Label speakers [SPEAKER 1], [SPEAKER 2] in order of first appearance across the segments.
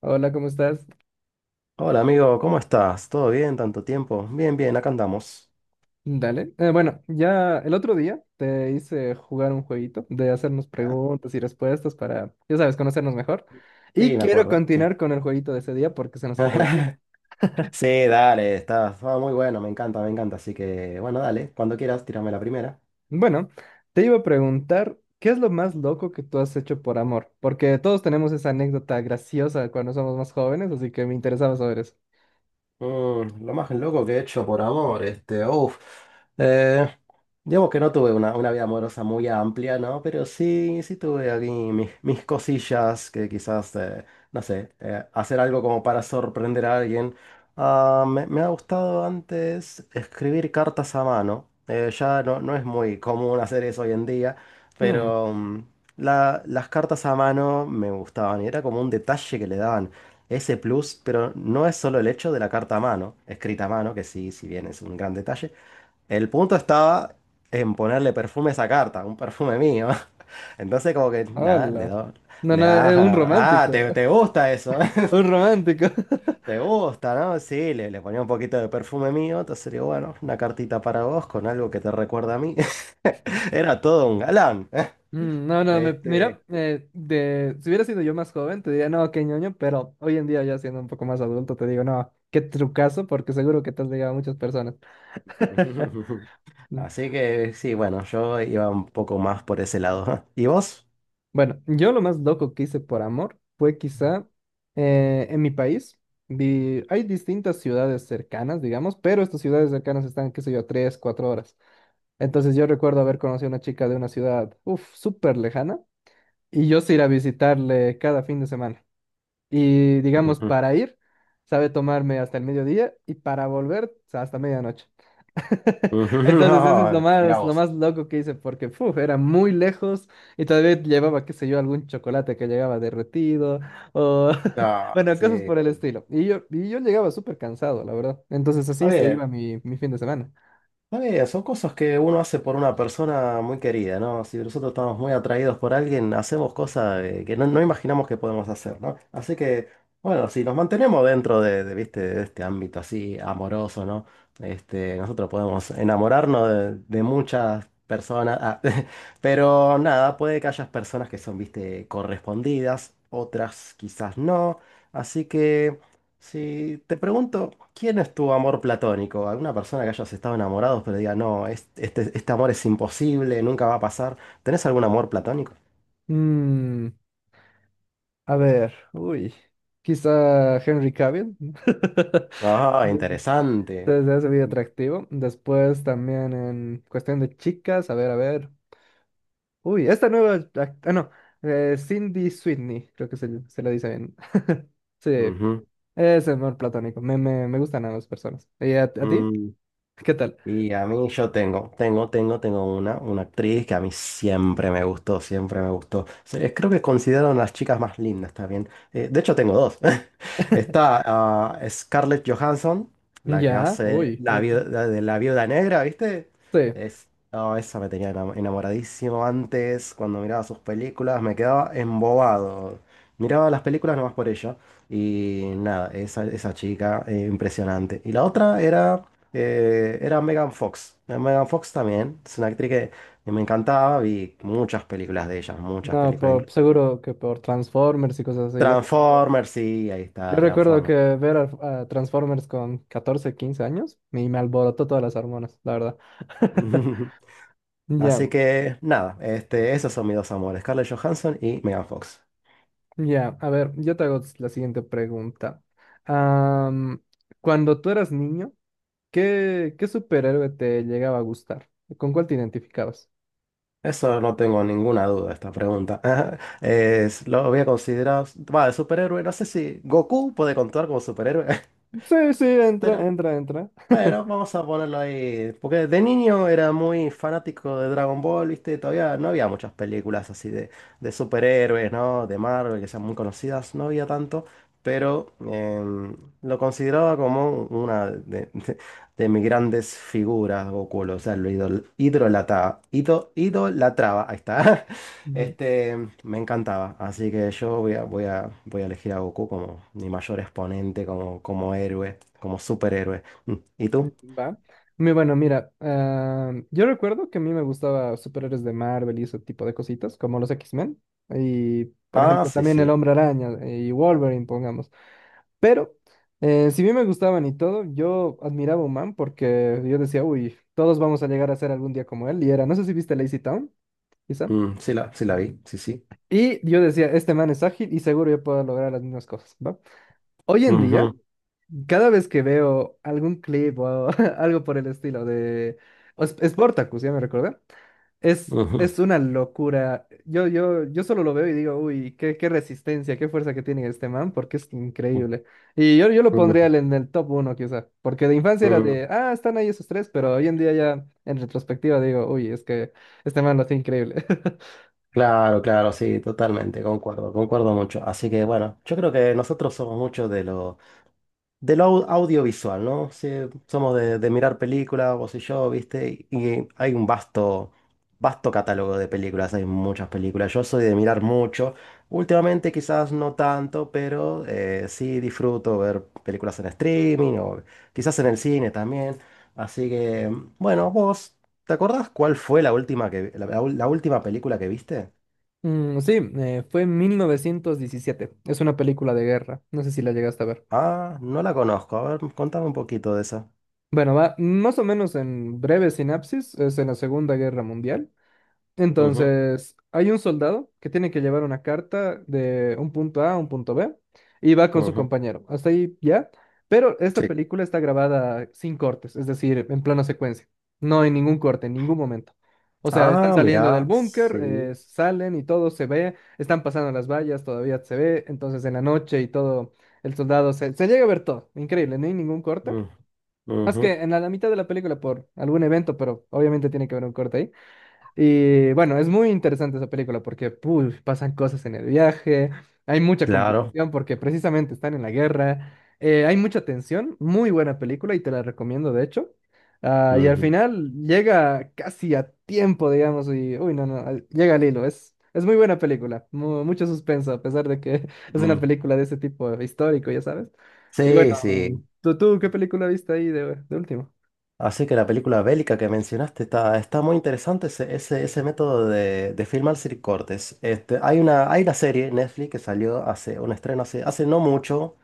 [SPEAKER 1] Hola, ¿cómo estás?
[SPEAKER 2] Hola amigo, ¿cómo estás? ¿Todo bien? ¿Tanto tiempo? Bien, bien, acá andamos.
[SPEAKER 1] Dale. Bueno, ya el otro día te hice jugar un jueguito de hacernos preguntas y respuestas para, ya sabes, conocernos mejor. Y
[SPEAKER 2] Sí, me
[SPEAKER 1] quiero
[SPEAKER 2] acuerdo, sí.
[SPEAKER 1] continuar con el jueguito de ese día porque se nos acabó el tiempo.
[SPEAKER 2] Sí, dale, está, muy bueno, me encanta, me encanta. Así que, bueno, dale, cuando quieras, tírame la primera.
[SPEAKER 1] Bueno, te iba a preguntar, ¿qué es lo más loco que tú has hecho por amor? Porque todos tenemos esa anécdota graciosa cuando somos más jóvenes, así que me interesaba saber eso.
[SPEAKER 2] Lo más loco que he hecho por amor, este, uff. Digamos que no tuve una vida amorosa muy amplia, ¿no? Pero sí, sí tuve aquí mis cosillas que quizás, no sé, hacer algo como para sorprender a alguien. Ah, me ha gustado antes escribir cartas a mano. Ya no, no es muy común hacer eso hoy en día,
[SPEAKER 1] Hmm,
[SPEAKER 2] pero las cartas a mano me gustaban y era como un detalle que le daban ese plus, pero no es solo el hecho de la carta a mano, escrita a mano, que sí, si bien es un gran detalle, el punto estaba en ponerle perfume a esa carta, un perfume mío. Entonces como que, nada,
[SPEAKER 1] hola. No,
[SPEAKER 2] le
[SPEAKER 1] no, eh, un
[SPEAKER 2] da, ah,
[SPEAKER 1] romántico.
[SPEAKER 2] te gusta eso,
[SPEAKER 1] Un romántico.
[SPEAKER 2] te gusta, ¿no? Sí, le ponía un poquito de perfume mío, entonces digo, bueno, una cartita para vos con algo que te recuerda a mí. Era todo un galán.
[SPEAKER 1] No, no,
[SPEAKER 2] Este...
[SPEAKER 1] mira, si hubiera sido yo más joven, te diría, no, qué ñoño, pero hoy en día ya siendo un poco más adulto, te digo, no, qué trucazo, porque seguro que te has ligado a muchas personas. Mm,
[SPEAKER 2] Así que sí, bueno, yo iba un poco más por ese lado. ¿Y vos?
[SPEAKER 1] Bueno, yo lo más loco que hice por amor fue quizá en mi país, hay distintas ciudades cercanas, digamos, pero estas ciudades cercanas están, qué sé yo, tres, cuatro horas. Entonces yo recuerdo haber conocido a una chica de una ciudad, uff, súper lejana, y yo sí ir a visitarle cada fin de semana. Y digamos,
[SPEAKER 2] Ujú.
[SPEAKER 1] para ir, sabe tomarme hasta el mediodía y para volver hasta medianoche.
[SPEAKER 2] Ujú.
[SPEAKER 1] Entonces, eso es
[SPEAKER 2] No, mira
[SPEAKER 1] lo
[SPEAKER 2] vos.
[SPEAKER 1] más loco que hice porque puf, era muy lejos y todavía llevaba, qué sé yo, algún chocolate que llegaba derretido o,
[SPEAKER 2] No,
[SPEAKER 1] bueno, cosas
[SPEAKER 2] sí.
[SPEAKER 1] por el estilo. Y yo llegaba súper cansado, la verdad. Entonces,
[SPEAKER 2] Está
[SPEAKER 1] así se
[SPEAKER 2] bien.
[SPEAKER 1] iba mi, mi fin de semana.
[SPEAKER 2] Está bien, son cosas que uno hace por una persona muy querida, ¿no? Si nosotros estamos muy atraídos por alguien, hacemos cosas, que no, no imaginamos que podemos hacer, ¿no? Así que, bueno, si nos mantenemos dentro ¿viste? De este ámbito así amoroso, ¿no? Este, nosotros podemos enamorarnos de muchas personas, ah, pero nada, puede que haya personas que son, ¿viste?, correspondidas, otras quizás no. Así que... Si te pregunto, ¿quién es tu amor platónico? ¿Alguna persona que hayas estado enamorados pero diga, no, este, este amor es imposible, nunca va a pasar? ¿Tenés algún amor platónico?
[SPEAKER 1] Mm, a ver, uy, quizá Henry Cavill.
[SPEAKER 2] Ah, interesante.
[SPEAKER 1] Entonces es muy atractivo. Después también en cuestión de chicas, a ver, a ver. Uy, esta nueva... no, Cindy Sweeney, creo que se, se lo dice bien. Sí,
[SPEAKER 2] Ujú.
[SPEAKER 1] es amor platónico. Me gustan ambas personas. ¿Y a ti?
[SPEAKER 2] Mm.
[SPEAKER 1] ¿Qué tal?
[SPEAKER 2] Y a mí yo tengo, tengo, tengo, una actriz que a mí siempre me gustó, siempre me gustó. Creo que considero una de las chicas más lindas también. De hecho tengo dos. Está, ah, Scarlett Johansson, la que
[SPEAKER 1] Ya,
[SPEAKER 2] hace
[SPEAKER 1] uy,
[SPEAKER 2] la
[SPEAKER 1] uy.
[SPEAKER 2] viuda, de la viuda negra, ¿viste?
[SPEAKER 1] Sí,
[SPEAKER 2] Es, oh, esa me tenía enamoradísimo antes, cuando miraba sus películas, me quedaba embobado. Miraba las películas nomás por ella. Y nada, esa chica, impresionante. Y la otra era... era Megan Fox. Megan Fox también. Es una actriz que me encantaba. Vi muchas películas de ella, muchas
[SPEAKER 1] no,
[SPEAKER 2] películas.
[SPEAKER 1] por, seguro que por Transformers y cosas así.
[SPEAKER 2] Transformers, sí, ahí
[SPEAKER 1] Yo
[SPEAKER 2] está,
[SPEAKER 1] recuerdo que
[SPEAKER 2] Transformers.
[SPEAKER 1] ver a Transformers con 14 15 años y me alborotó todas las hormonas, la verdad. Ya,
[SPEAKER 2] Así que nada, este, esos son mis dos amores, Scarlett Johansson y Megan Fox.
[SPEAKER 1] ya, a ver, yo te hago la siguiente pregunta. Am, cuando tú eras niño, ¿qué, qué superhéroe te llegaba a gustar? ¿Con cuál te identificabas?
[SPEAKER 2] Eso no tengo ninguna duda, esta pregunta. Es, lo voy a considerar. Va, de superhéroe, no sé si Goku puede contar como superhéroe.
[SPEAKER 1] Sí, sí, entra, entra, entra.
[SPEAKER 2] Bueno, vamos a ponerlo ahí. Porque de niño era muy fanático de Dragon Ball, ¿viste? Todavía no había muchas películas así de superhéroes, ¿no? De Marvel, que sean muy conocidas, no había tanto. Pero, lo consideraba como de mis grandes figuras, Goku. O sea, lo idol, idolata- ido- idolatraba. Ahí está.
[SPEAKER 1] Ujú.
[SPEAKER 2] Este, me encantaba. Así que yo voy a, voy a elegir a Goku como mi mayor exponente, como, como héroe, como superhéroe. Mm. ¿Y tú?
[SPEAKER 1] Va. Muy bueno, mira, yo recuerdo que a mí me gustaba superhéroes de Marvel y ese tipo de cositas, como los X-Men. Y, por
[SPEAKER 2] Ah,
[SPEAKER 1] ejemplo,
[SPEAKER 2] sí,
[SPEAKER 1] también el
[SPEAKER 2] sí.
[SPEAKER 1] Hombre Araña y Wolverine, pongamos. Pero, si bien me gustaban y todo, yo admiraba a Human porque yo decía, uy, todos vamos a llegar a ser algún día como él. Y era, no sé si viste Lazy Town, quizá.
[SPEAKER 2] Mm, sí la, sí la vi, sí, sí.
[SPEAKER 1] Y yo decía, este man es ágil y seguro yo puedo lograr las mismas cosas, ¿va? Hoy en día
[SPEAKER 2] Ujú,
[SPEAKER 1] cada vez que veo algún clip o algo por el estilo de Sportacus, ya me recordé,
[SPEAKER 2] ujú,
[SPEAKER 1] es una locura. Yo solo lo veo y digo, uy, qué, qué resistencia, qué fuerza que tiene este man, porque es increíble. Y yo lo pondría
[SPEAKER 2] ujú,
[SPEAKER 1] en el top uno, quizá, porque de infancia era
[SPEAKER 2] ujú.
[SPEAKER 1] de, ah, están ahí esos tres, pero hoy en día ya en retrospectiva digo, uy, es que este man lo hace increíble.
[SPEAKER 2] Claro, claro, sí, totalmente, concuerdo, concuerdo mucho. Así que, bueno, yo creo que nosotros somos muchos de los, de lo audiovisual, ¿no? Sí, somos de mirar películas, vos y yo, ¿viste? Y hay un vasto, vasto catálogo de películas, hay muchas películas. Yo soy de mirar mucho. Últimamente quizás no tanto, pero, sí disfruto ver películas en streaming o quizás en el cine también. Así que, bueno, vos, ¿te acordás cuál fue la última que, la ul- la última película que viste?
[SPEAKER 1] Sí, fue en 1917, es una película de guerra, no sé si la llegaste a ver.
[SPEAKER 2] Ah, no la conozco. A ver, contame un poquito de esa.
[SPEAKER 1] Bueno, va más o menos en breve sinapsis, es en la Segunda Guerra Mundial.
[SPEAKER 2] Ujú,
[SPEAKER 1] Entonces, hay un soldado que tiene que llevar una carta de un punto A a un punto B y va con su
[SPEAKER 2] ujú.
[SPEAKER 1] compañero. Hasta ahí ya. Pero esta película está grabada sin cortes, es decir, en plano secuencia. No hay ningún corte en ningún momento. O sea, están
[SPEAKER 2] Ah,
[SPEAKER 1] saliendo del
[SPEAKER 2] mira,
[SPEAKER 1] búnker,
[SPEAKER 2] sí.
[SPEAKER 1] salen y todo se ve, están pasando las vallas, todavía se ve. Entonces, en la noche y todo, el soldado se, se llega a ver todo. Increíble, no hay ningún corte.
[SPEAKER 2] Mm,
[SPEAKER 1] Más que
[SPEAKER 2] ujú.
[SPEAKER 1] en la, la mitad de la película por algún evento, pero obviamente tiene que haber un corte ahí. Y bueno, es muy interesante esa película porque puy, pasan cosas en el viaje, hay mucha
[SPEAKER 2] Claro.
[SPEAKER 1] complicación porque precisamente están en la guerra, hay mucha tensión, muy buena película y te la recomiendo de hecho. Ah, y al
[SPEAKER 2] Ujú,
[SPEAKER 1] final llega casi a tiempo, digamos, y uy, no, no, llega al hilo, es muy buena película, mucho suspenso a pesar de que es una
[SPEAKER 2] mm.
[SPEAKER 1] película de ese tipo histórico, ya sabes. Y bueno,
[SPEAKER 2] Sí, sí.
[SPEAKER 1] ¿tú, tú qué película viste ahí de último?
[SPEAKER 2] Así que la película bélica que mencionaste está, está muy interesante ese, ese, ese método de filmar sin cortes. Este, hay una serie en Netflix que salió hace un estreno hace, hace no mucho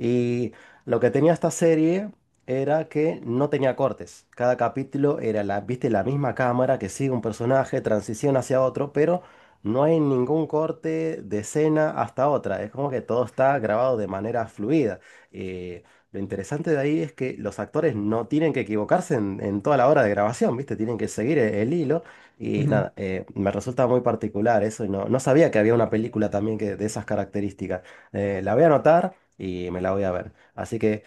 [SPEAKER 2] y lo que tenía esta serie era que no tenía cortes. Cada capítulo era la, viste, la misma cámara que sigue un personaje, transición hacia otro, pero no hay ningún corte de escena hasta otra. Es como que todo está grabado de manera fluida. Eh, lo interesante de ahí es que los actores no tienen que equivocarse en toda la hora de grabación, ¿viste? Tienen que seguir el hilo. Y
[SPEAKER 1] Ujú.
[SPEAKER 2] nada, me resulta muy particular eso y no, no sabía que había una película también que, de esas características. La voy a anotar y me la voy a ver. Así que,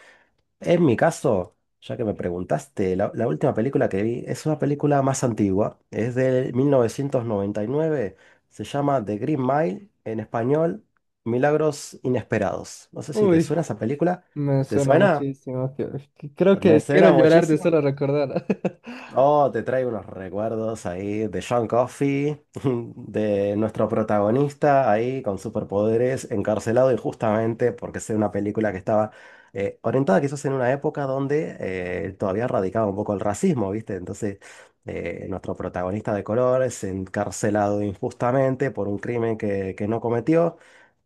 [SPEAKER 2] en mi caso, ya que me preguntaste, la última película que vi es una película más antigua, es del 1999, se llama The Green Mile, en español, Milagros Inesperados. No sé si te
[SPEAKER 1] Uy.
[SPEAKER 2] suena esa película.
[SPEAKER 1] Me
[SPEAKER 2] ¿Te
[SPEAKER 1] suena
[SPEAKER 2] suena?
[SPEAKER 1] muchísimo. Que creo
[SPEAKER 2] Me
[SPEAKER 1] que quiero
[SPEAKER 2] suena
[SPEAKER 1] llorar de
[SPEAKER 2] muchísimo.
[SPEAKER 1] solo recordar.
[SPEAKER 2] Oh, te traigo unos recuerdos ahí de John Coffey, de nuestro protagonista ahí con superpoderes, encarcelado injustamente porque es una película que estaba, orientada quizás en una época donde, todavía radicaba un poco el racismo, ¿viste? Entonces, nuestro protagonista de color es encarcelado injustamente por un crimen que no cometió.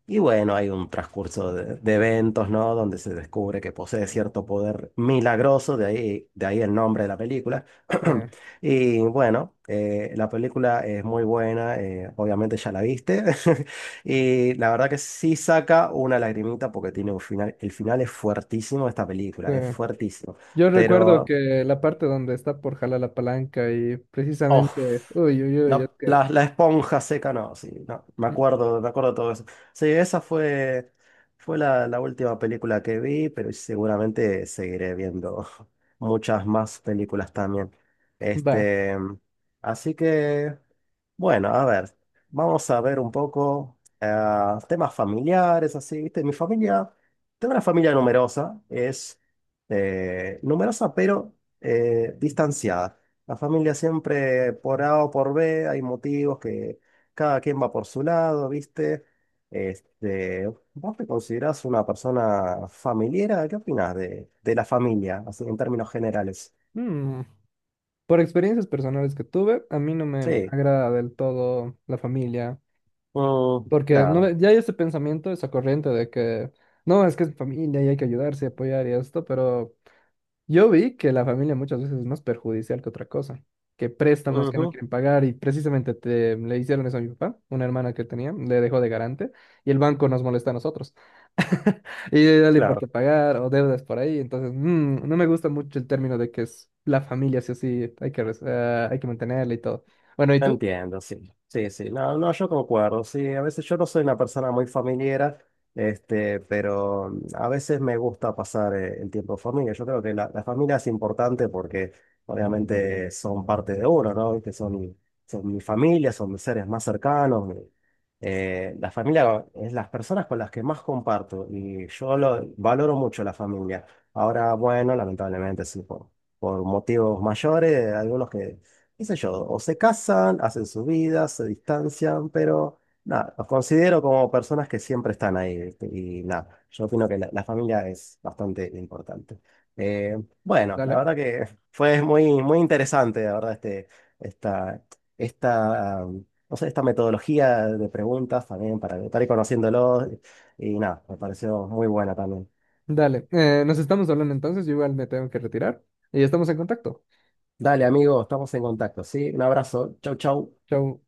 [SPEAKER 2] Y bueno, hay un transcurso de eventos, ¿no? Donde se descubre que posee cierto poder milagroso, de ahí el nombre de la película.
[SPEAKER 1] Sí,
[SPEAKER 2] Y bueno, la película es muy buena, obviamente ya la viste. Y la verdad que sí saca una lagrimita porque tiene un final, el final es fuertísimo de esta película,
[SPEAKER 1] sí.
[SPEAKER 2] es fuertísimo.
[SPEAKER 1] Yo recuerdo
[SPEAKER 2] Pero
[SPEAKER 1] que la parte donde está por jalar la palanca y
[SPEAKER 2] oh,
[SPEAKER 1] precisamente, uy, uy, uy, es
[SPEAKER 2] no,
[SPEAKER 1] que,
[SPEAKER 2] la esponja seca, no, sí, no,
[SPEAKER 1] mm,
[SPEAKER 2] me acuerdo todo eso. Sí, esa fue, fue la última película que vi, pero seguramente seguiré viendo muchas más películas también.
[SPEAKER 1] va,
[SPEAKER 2] Este, así que, bueno, a ver, vamos a ver un poco, temas familiares, así, ¿viste? Mi familia, tengo una familia numerosa, es, numerosa pero, distanciada. La familia siempre por A o por B, hay motivos que cada quien va por su lado, ¿viste? Este, ¿vos te considerás una persona familiar? ¿Qué opinás de la familia, así en términos generales?
[SPEAKER 1] mm, por experiencias personales que tuve, a mí no me
[SPEAKER 2] Sí,
[SPEAKER 1] agrada del todo la familia,
[SPEAKER 2] mm,
[SPEAKER 1] porque no,
[SPEAKER 2] claro.
[SPEAKER 1] ya hay ese pensamiento, esa corriente de que, no, es que es familia y hay que ayudarse y apoyar y esto, pero yo vi que la familia muchas veces es más perjudicial que otra cosa, que préstamos que no
[SPEAKER 2] Ujú,
[SPEAKER 1] quieren pagar y precisamente te, le hicieron eso a mi papá, una hermana que tenía, le dejó de garante y el banco nos molesta a nosotros. Y dale por qué
[SPEAKER 2] claro.
[SPEAKER 1] pagar o deudas por ahí, entonces no me gusta mucho el término de que es la familia, sí o sí, hay que, hay que mantenerla y todo. Bueno, ¿y tú?
[SPEAKER 2] Entiendo, sí. Sí, sí. No, no, yo concuerdo. Sí, a veces yo no soy una persona muy familiera, este, pero mm, a veces me gusta pasar, el tiempo en familia. Yo creo que la familia es importante porque obviamente son parte de uno, ¿no? Que son, son mi familia, son mis seres más cercanos. La familia es las personas con las que más comparto y yo lo, valoro mucho la familia. Ahora, bueno, lamentablemente sí, por motivos mayores, algunos que qué sé yo, o se casan, hacen su vida, se distancian, pero nada, los considero como personas que siempre están ahí, ¿viste? Y nada, yo opino que la familia es bastante importante. Eh, bueno, la
[SPEAKER 1] Dale,
[SPEAKER 2] verdad que fue muy, muy interesante, la verdad, esta, esta, no sé, esta metodología de preguntas también para estar ahí conociéndolos y nada, me pareció muy buena también.
[SPEAKER 1] dale. Nos estamos hablando entonces, yo igual me tengo que retirar y estamos en contacto.
[SPEAKER 2] Dale, amigo, estamos en contacto, ¿sí? Un abrazo, chau, chau.
[SPEAKER 1] Chau.